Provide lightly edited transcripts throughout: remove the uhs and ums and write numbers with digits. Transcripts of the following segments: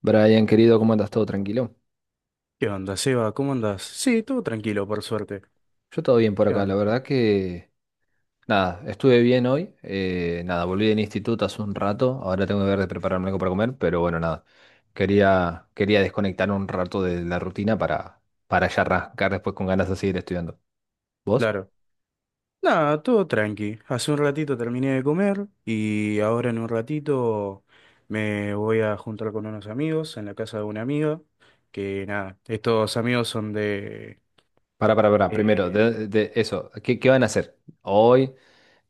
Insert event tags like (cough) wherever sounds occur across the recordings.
Brian, querido, ¿cómo andas? ¿Todo tranquilo? ¿Qué onda, Seba? ¿Cómo andás? Sí, todo tranquilo, por suerte. Yo todo bien por ¿Qué acá, la onda? verdad que nada, estuve bien hoy, nada, volví del instituto hace un rato, ahora tengo que ver de prepararme algo para comer, pero bueno, nada, quería desconectar un rato de la rutina para ya arrancar después con ganas de seguir estudiando. ¿Vos? Claro. Nada, todo tranqui. Hace un ratito terminé de comer y ahora en un ratito me voy a juntar con unos amigos en la casa de una amiga. Que nada, estos amigos son de... Para, primero, eh, de- de eso, ¿qué van a hacer? ¿Hoy?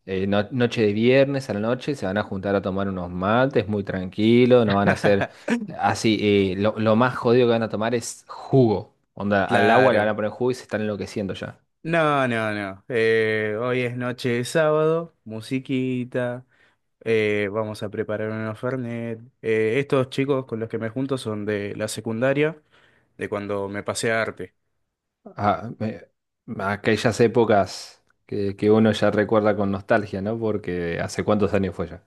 ¿ Noche de viernes a la noche se van a juntar a tomar unos mates muy tranquilo, no van a hacer (laughs) así, lo más jodido que van a tomar es jugo. Onda, al agua le van Claro. a poner jugo y se están enloqueciendo ya. No, no, no. Hoy es noche de sábado, musiquita. Vamos a preparar unos Fernet. Estos chicos con los que me junto son de la secundaria, de cuando me pasé a arte. Ah, me- Aquellas épocas que uno ya recuerda con nostalgia, ¿no? Porque hace cuántos años fue ya.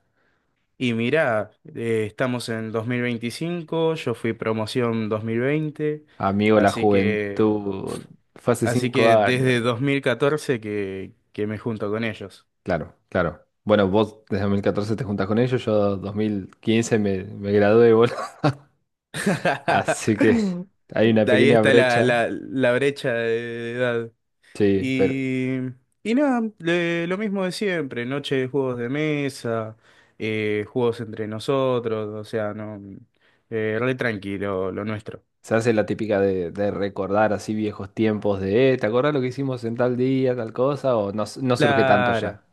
Y mirá, estamos en 2025, yo fui promoción 2020, Amigo, la así que, juventud, fue hace así cinco que años. desde 2014 que me junto con ellos. Claro, claro. Bueno, vos desde 2014 te juntas con ellos, yo 2015 me gradué, boludo. (laughs) Así que (laughs) hay una Ahí pequeña está la, brecha. la, la brecha de edad. Sí, pero Y, y nada, lo mismo de siempre, noche de juegos de mesa, juegos entre nosotros, o sea, no, re tranquilo lo nuestro. se hace la típica de recordar así viejos tiempos de, ¿te acordás lo que hicimos en tal día, tal cosa? O no, no surge tanto Claro. ya.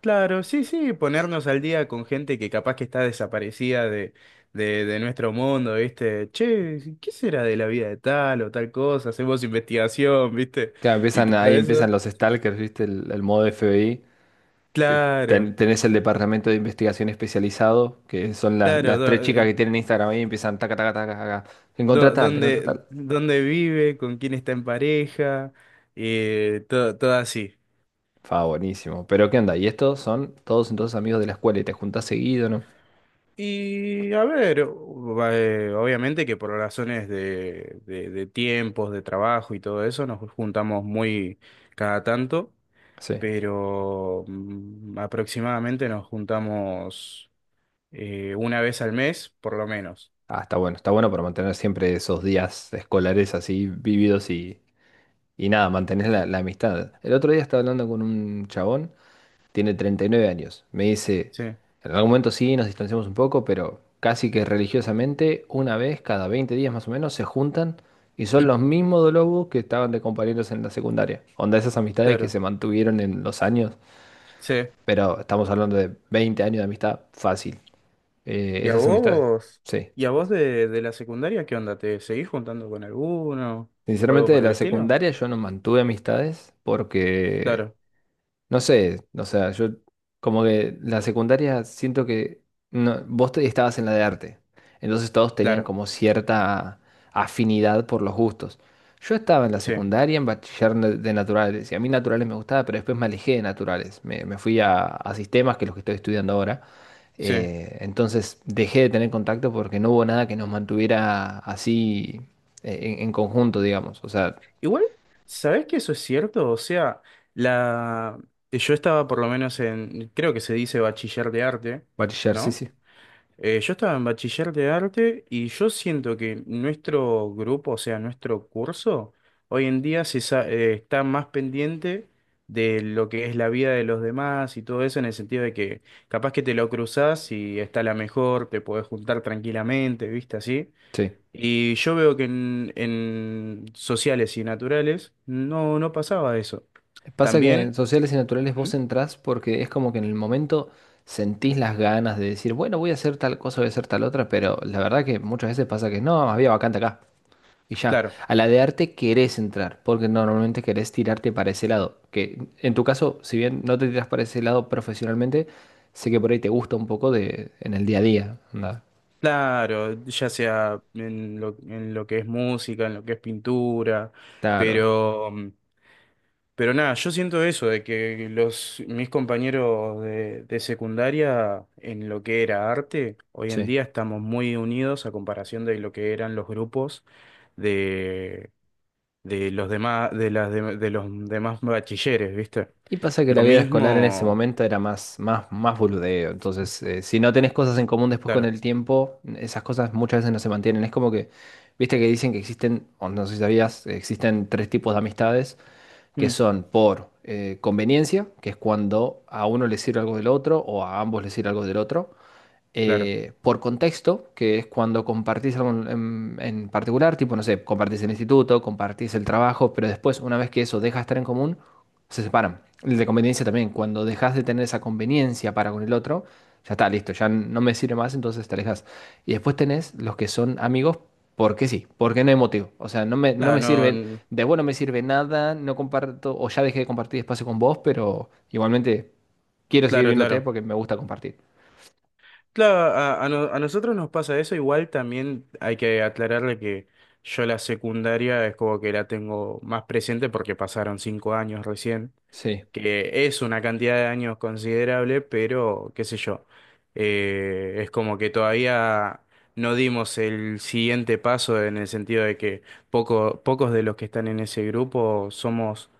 Claro, sí, sí, ponernos al día con gente que capaz que está desaparecida de nuestro mundo, ¿viste? Che, ¿qué será de la vida de tal o tal cosa? Hacemos investigación, ¿viste? Claro, Y empiezan, todo ahí eso. empiezan los stalkers, ¿viste? El modo FBI. Te- Claro, Tenés el departamento de investigación especializado, que son las, claro, las tres chicas que do- tienen Instagram ahí y empiezan, taca, taca, taca, taca. Encontrá do- tal, encontrá dónde, tal. dónde vive, con quién está en pareja, todo, todo así. Fa, buenísimo. Pero ¿qué onda? Y estos son todos entonces amigos de la escuela y te juntás seguido, ¿no? Y a ver, obviamente que por razones de tiempos, de trabajo y todo eso, nos juntamos muy cada tanto. Sí. Pero aproximadamente nos juntamos una vez al mes, por lo menos. Ah, está bueno para mantener siempre esos días escolares así vividos y nada, mantener la, la amistad. El otro día estaba hablando con un chabón, tiene 39 años. Me dice, Sí, en algún momento sí, nos distanciamos un poco, pero casi que religiosamente, una vez cada 20 días más o menos, se juntan y son los mismos lobos que estaban de compañeros en la secundaria. Onda, esas amistades que claro, se mantuvieron en los años, sí. pero estamos hablando de 20 años de amistad fácil. ¿Y a Esas amistades, vos? sí. ¿Y a vos de la secundaria qué onda? ¿Te seguís juntando con alguno o algo Sinceramente, de por el la estilo? secundaria yo no mantuve amistades porque, Claro, no sé, o sea, yo como que la secundaria siento que estabas en la de arte, entonces todos tenían claro, como cierta afinidad por los gustos. Yo estaba en la sí, secundaria en de naturales y a mí naturales me gustaba, pero después me alejé de naturales, me fui a sistemas, que es lo que estoy estudiando ahora, sí. Entonces dejé de tener contacto porque no hubo nada que nos mantuviera así en conjunto, digamos. O sea, Igual, ¿sabés que eso es cierto? O sea, la... yo estaba por lo menos en, creo que se dice bachiller de arte, bachiller, sí, ¿no? sí. Yo estaba en bachiller de arte y yo siento que nuestro grupo, o sea, nuestro curso, hoy en día está más pendiente de lo que es la vida de los demás y todo eso, en el sentido de que capaz que te lo cruzás y está la mejor, te podés juntar tranquilamente, ¿viste? Así. Sí. Y yo veo que en sociales y naturales no pasaba eso. Pasa que en También, sociales y naturales ¿Mm? vos entrás porque es como que en el momento sentís las ganas de decir, bueno, voy a hacer tal cosa, voy a hacer tal otra, pero la verdad que muchas veces pasa que no, había vacante acá. Y ya. Claro. A la de arte querés entrar, porque normalmente querés tirarte para ese lado. Que en tu caso, si bien no te tiras para ese lado profesionalmente, sé que por ahí te gusta un poco de en el día a día. Onda, Claro, ya sea en lo que es música, en lo que es pintura, claro. pero, mm, pero nada, yo siento eso, de que los, mis compañeros de secundaria, en lo que era arte, hoy en Sí. día estamos muy unidos a comparación de lo que eran los grupos de, de los demás, de los demás bachilleres, ¿viste? Y pasa que la Lo vida escolar en ese mismo, momento era más boludeo. Entonces, si no tenés cosas en común después con claro, el tiempo, esas cosas muchas veces no se mantienen. Es como que, viste que dicen que existen, o no sé si sabías, existen tres tipos de amistades que mm, son por conveniencia, que es cuando a uno le sirve algo del otro o a ambos les sirve algo del otro, claro, por contexto, que es cuando compartís algo en particular, tipo, no sé, compartís el instituto, compartís el trabajo, pero después, una vez que eso deja de estar en común, se separan. El de conveniencia también, cuando dejas de tener esa conveniencia para con el otro, ya está, listo, ya no me sirve más, entonces te alejas. Y después tenés los que son amigos porque sí, porque no hay motivo. O sea, no me claro, sirve, no, de vos no me sirve nada, no comparto, o ya dejé de compartir espacio con vos, pero igualmente quiero seguir claro, viéndote claro. porque me gusta compartir. Claro, a no- a nosotros nos pasa eso, igual también hay que aclararle que yo la secundaria es como que la tengo más presente porque pasaron 5 años recién, Sí, que es una cantidad de años considerable, pero qué sé yo, es como que todavía no dimos el siguiente paso en el sentido de que pocos de los que están en ese grupo somos,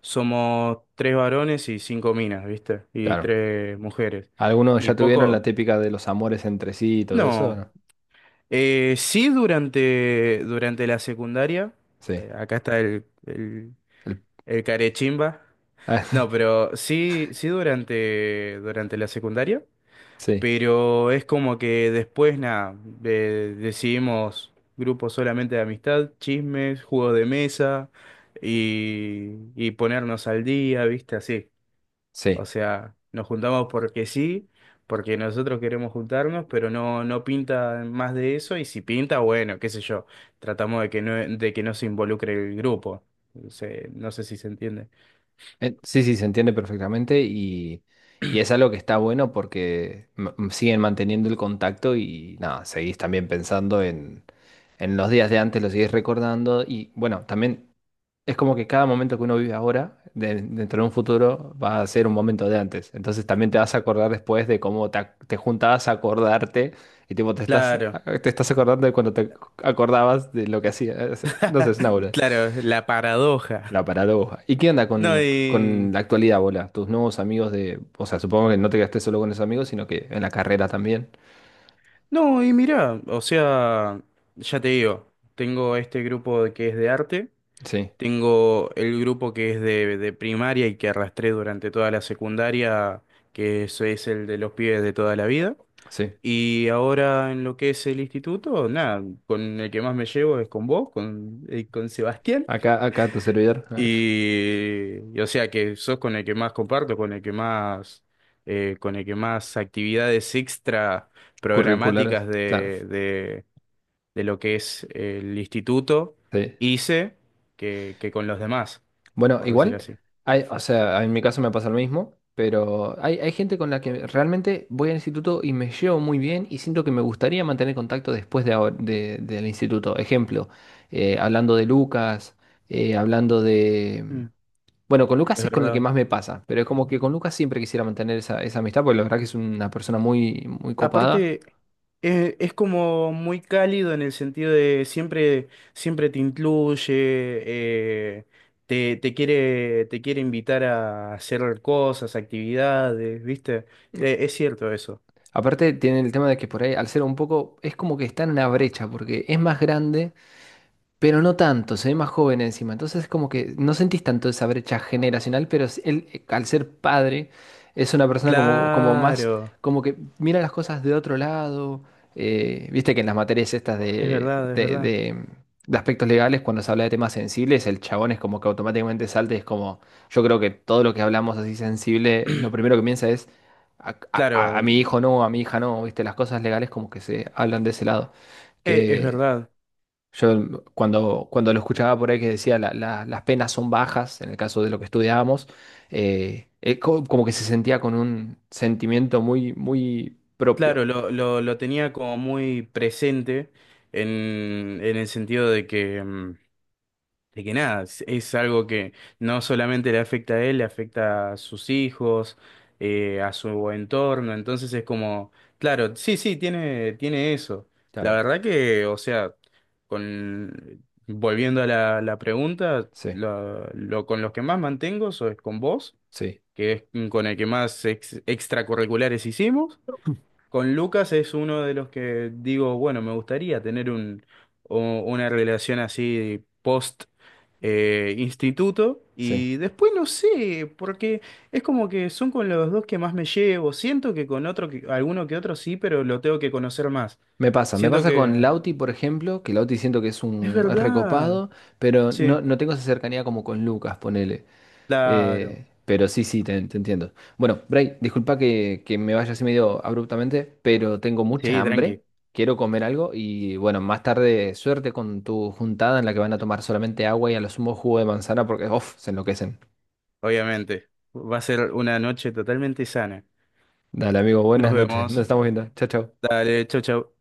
somos tres varones y cinco minas, ¿viste? Y claro. tres mujeres. ¿Algunos Y ya tuvieron la poco... típica de los amores entre sí y todo eso? ¿O No. no? Sí, durante la secundaria. Sí. Acá está el, el, El- el carechimba. No, (laughs) pero sí, sí durante la secundaria. sí, Pero es como que después, nada, decidimos grupos solamente de amistad, chismes, juegos de mesa y ponernos al día, ¿viste? Así. O sí. sea, nos juntamos porque sí, porque nosotros queremos juntarnos, pero no pinta más de eso, y si pinta, bueno, qué sé yo, tratamos de que no se involucre el grupo. No sé si se entiende. Sí, sí, se entiende perfectamente y es algo que está bueno porque siguen manteniendo el contacto y nada, seguís también pensando en los días de antes, los seguís recordando y bueno, también es como que cada momento que uno vive ahora, dentro de un futuro, va a ser un momento de antes. Entonces también te vas a acordar después de cómo te juntabas a acordarte y tipo Claro, te estás acordando de cuando te acordabas de lo que hacías. No sé, es una (laughs) bola. claro, la paradoja. La paradoja. ¿Y qué onda No, con y... la actualidad, bola? Tus nuevos amigos de... O sea, supongo que no te quedaste solo con esos amigos, sino que en la carrera también. No, y mirá, o sea, ya te digo, tengo este grupo que es de arte. Sí, Tengo el grupo que es de primaria y que arrastré durante toda la secundaria, que eso es el de los pibes de toda la vida. sí. Y ahora en lo que es el instituto, nada, con el que más me llevo es con vos, con Sebastián. Acá, acá tu servidor. Eh, Y o sea que sos con el que más comparto, con el que más, con el que más actividades extra curriculares. programáticas Claro. de lo que es el instituto, Sí. hice que con los demás, Bueno, por decir igual, así. hay, o sea, en mi caso me pasa lo mismo, pero hay gente con la que realmente voy al instituto y me llevo muy bien y siento que me gustaría mantener contacto después de, del instituto. Ejemplo, hablando de Lucas, hablando de... Mm. Bueno, con Lucas Es es con el que verdad. más me pasa, pero es como que con Lucas siempre quisiera mantener esa, esa amistad, porque la verdad que es una persona muy, muy copada. Aparte, es como muy cálido en el sentido de siempre, siempre te incluye, eh, te quiere invitar a hacer cosas, actividades, ¿viste? Es cierto eso. Aparte, tiene el tema de que por ahí, al ser un poco, es como que está en una brecha, porque es más grande pero no tanto, se ve más joven encima. Entonces es como que no sentís tanto esa brecha generacional, pero él, al ser padre, es una persona como, como más, Claro, como que mira las cosas de otro lado. Eh, viste que en las materias estas es verdad, es verdad. De aspectos legales, cuando se habla de temas sensibles, el chabón es como que automáticamente salta y es como, yo creo que todo lo que hablamos así sensible, lo primero que piensa es... A, Claro, a mi hijo no, a mi hija no, viste, las cosas legales como que se hablan de ese lado es que, verdad. yo cuando, cuando lo escuchaba por ahí que decía Las penas son bajas, en el caso de lo que estudiábamos, como que se sentía con un sentimiento muy, muy propio. Claro, lo tenía como muy presente en el sentido de que nada, es algo que no solamente le afecta a él, le afecta a sus hijos, a su entorno, entonces es como, claro, sí, sí, tiene eso. La Claro, verdad que, o sea, con, volviendo a la pregunta, sí, con los que más mantengo es con vos, sí, que es con el que más extracurriculares hicimos. Con Lucas es uno de los que digo, bueno, me gustaría tener una relación así post instituto sí. y después no sé, porque es como que son con los dos que más me llevo. Siento que con otro, alguno que otro sí, pero lo tengo que conocer más. Me Siento pasa con que Lauti, por ejemplo, que Lauti siento que es es un es verdad. recopado, pero Sí, no, no tengo esa cercanía como con Lucas, ponele. claro. Pero sí, sí, te entiendo. Bueno, Bray, disculpa que me vaya así medio abruptamente, pero tengo mucha Sí, hambre, tranqui, quiero comer algo y bueno, más tarde suerte con tu juntada en la que van a tomar solamente agua y a lo sumo jugo de manzana porque, uff, se enloquecen. obviamente. Va a ser una noche totalmente sana. Dale, amigo, Nos buenas noches, nos vemos. estamos viendo. Chao, chao. Dale, chau, chau.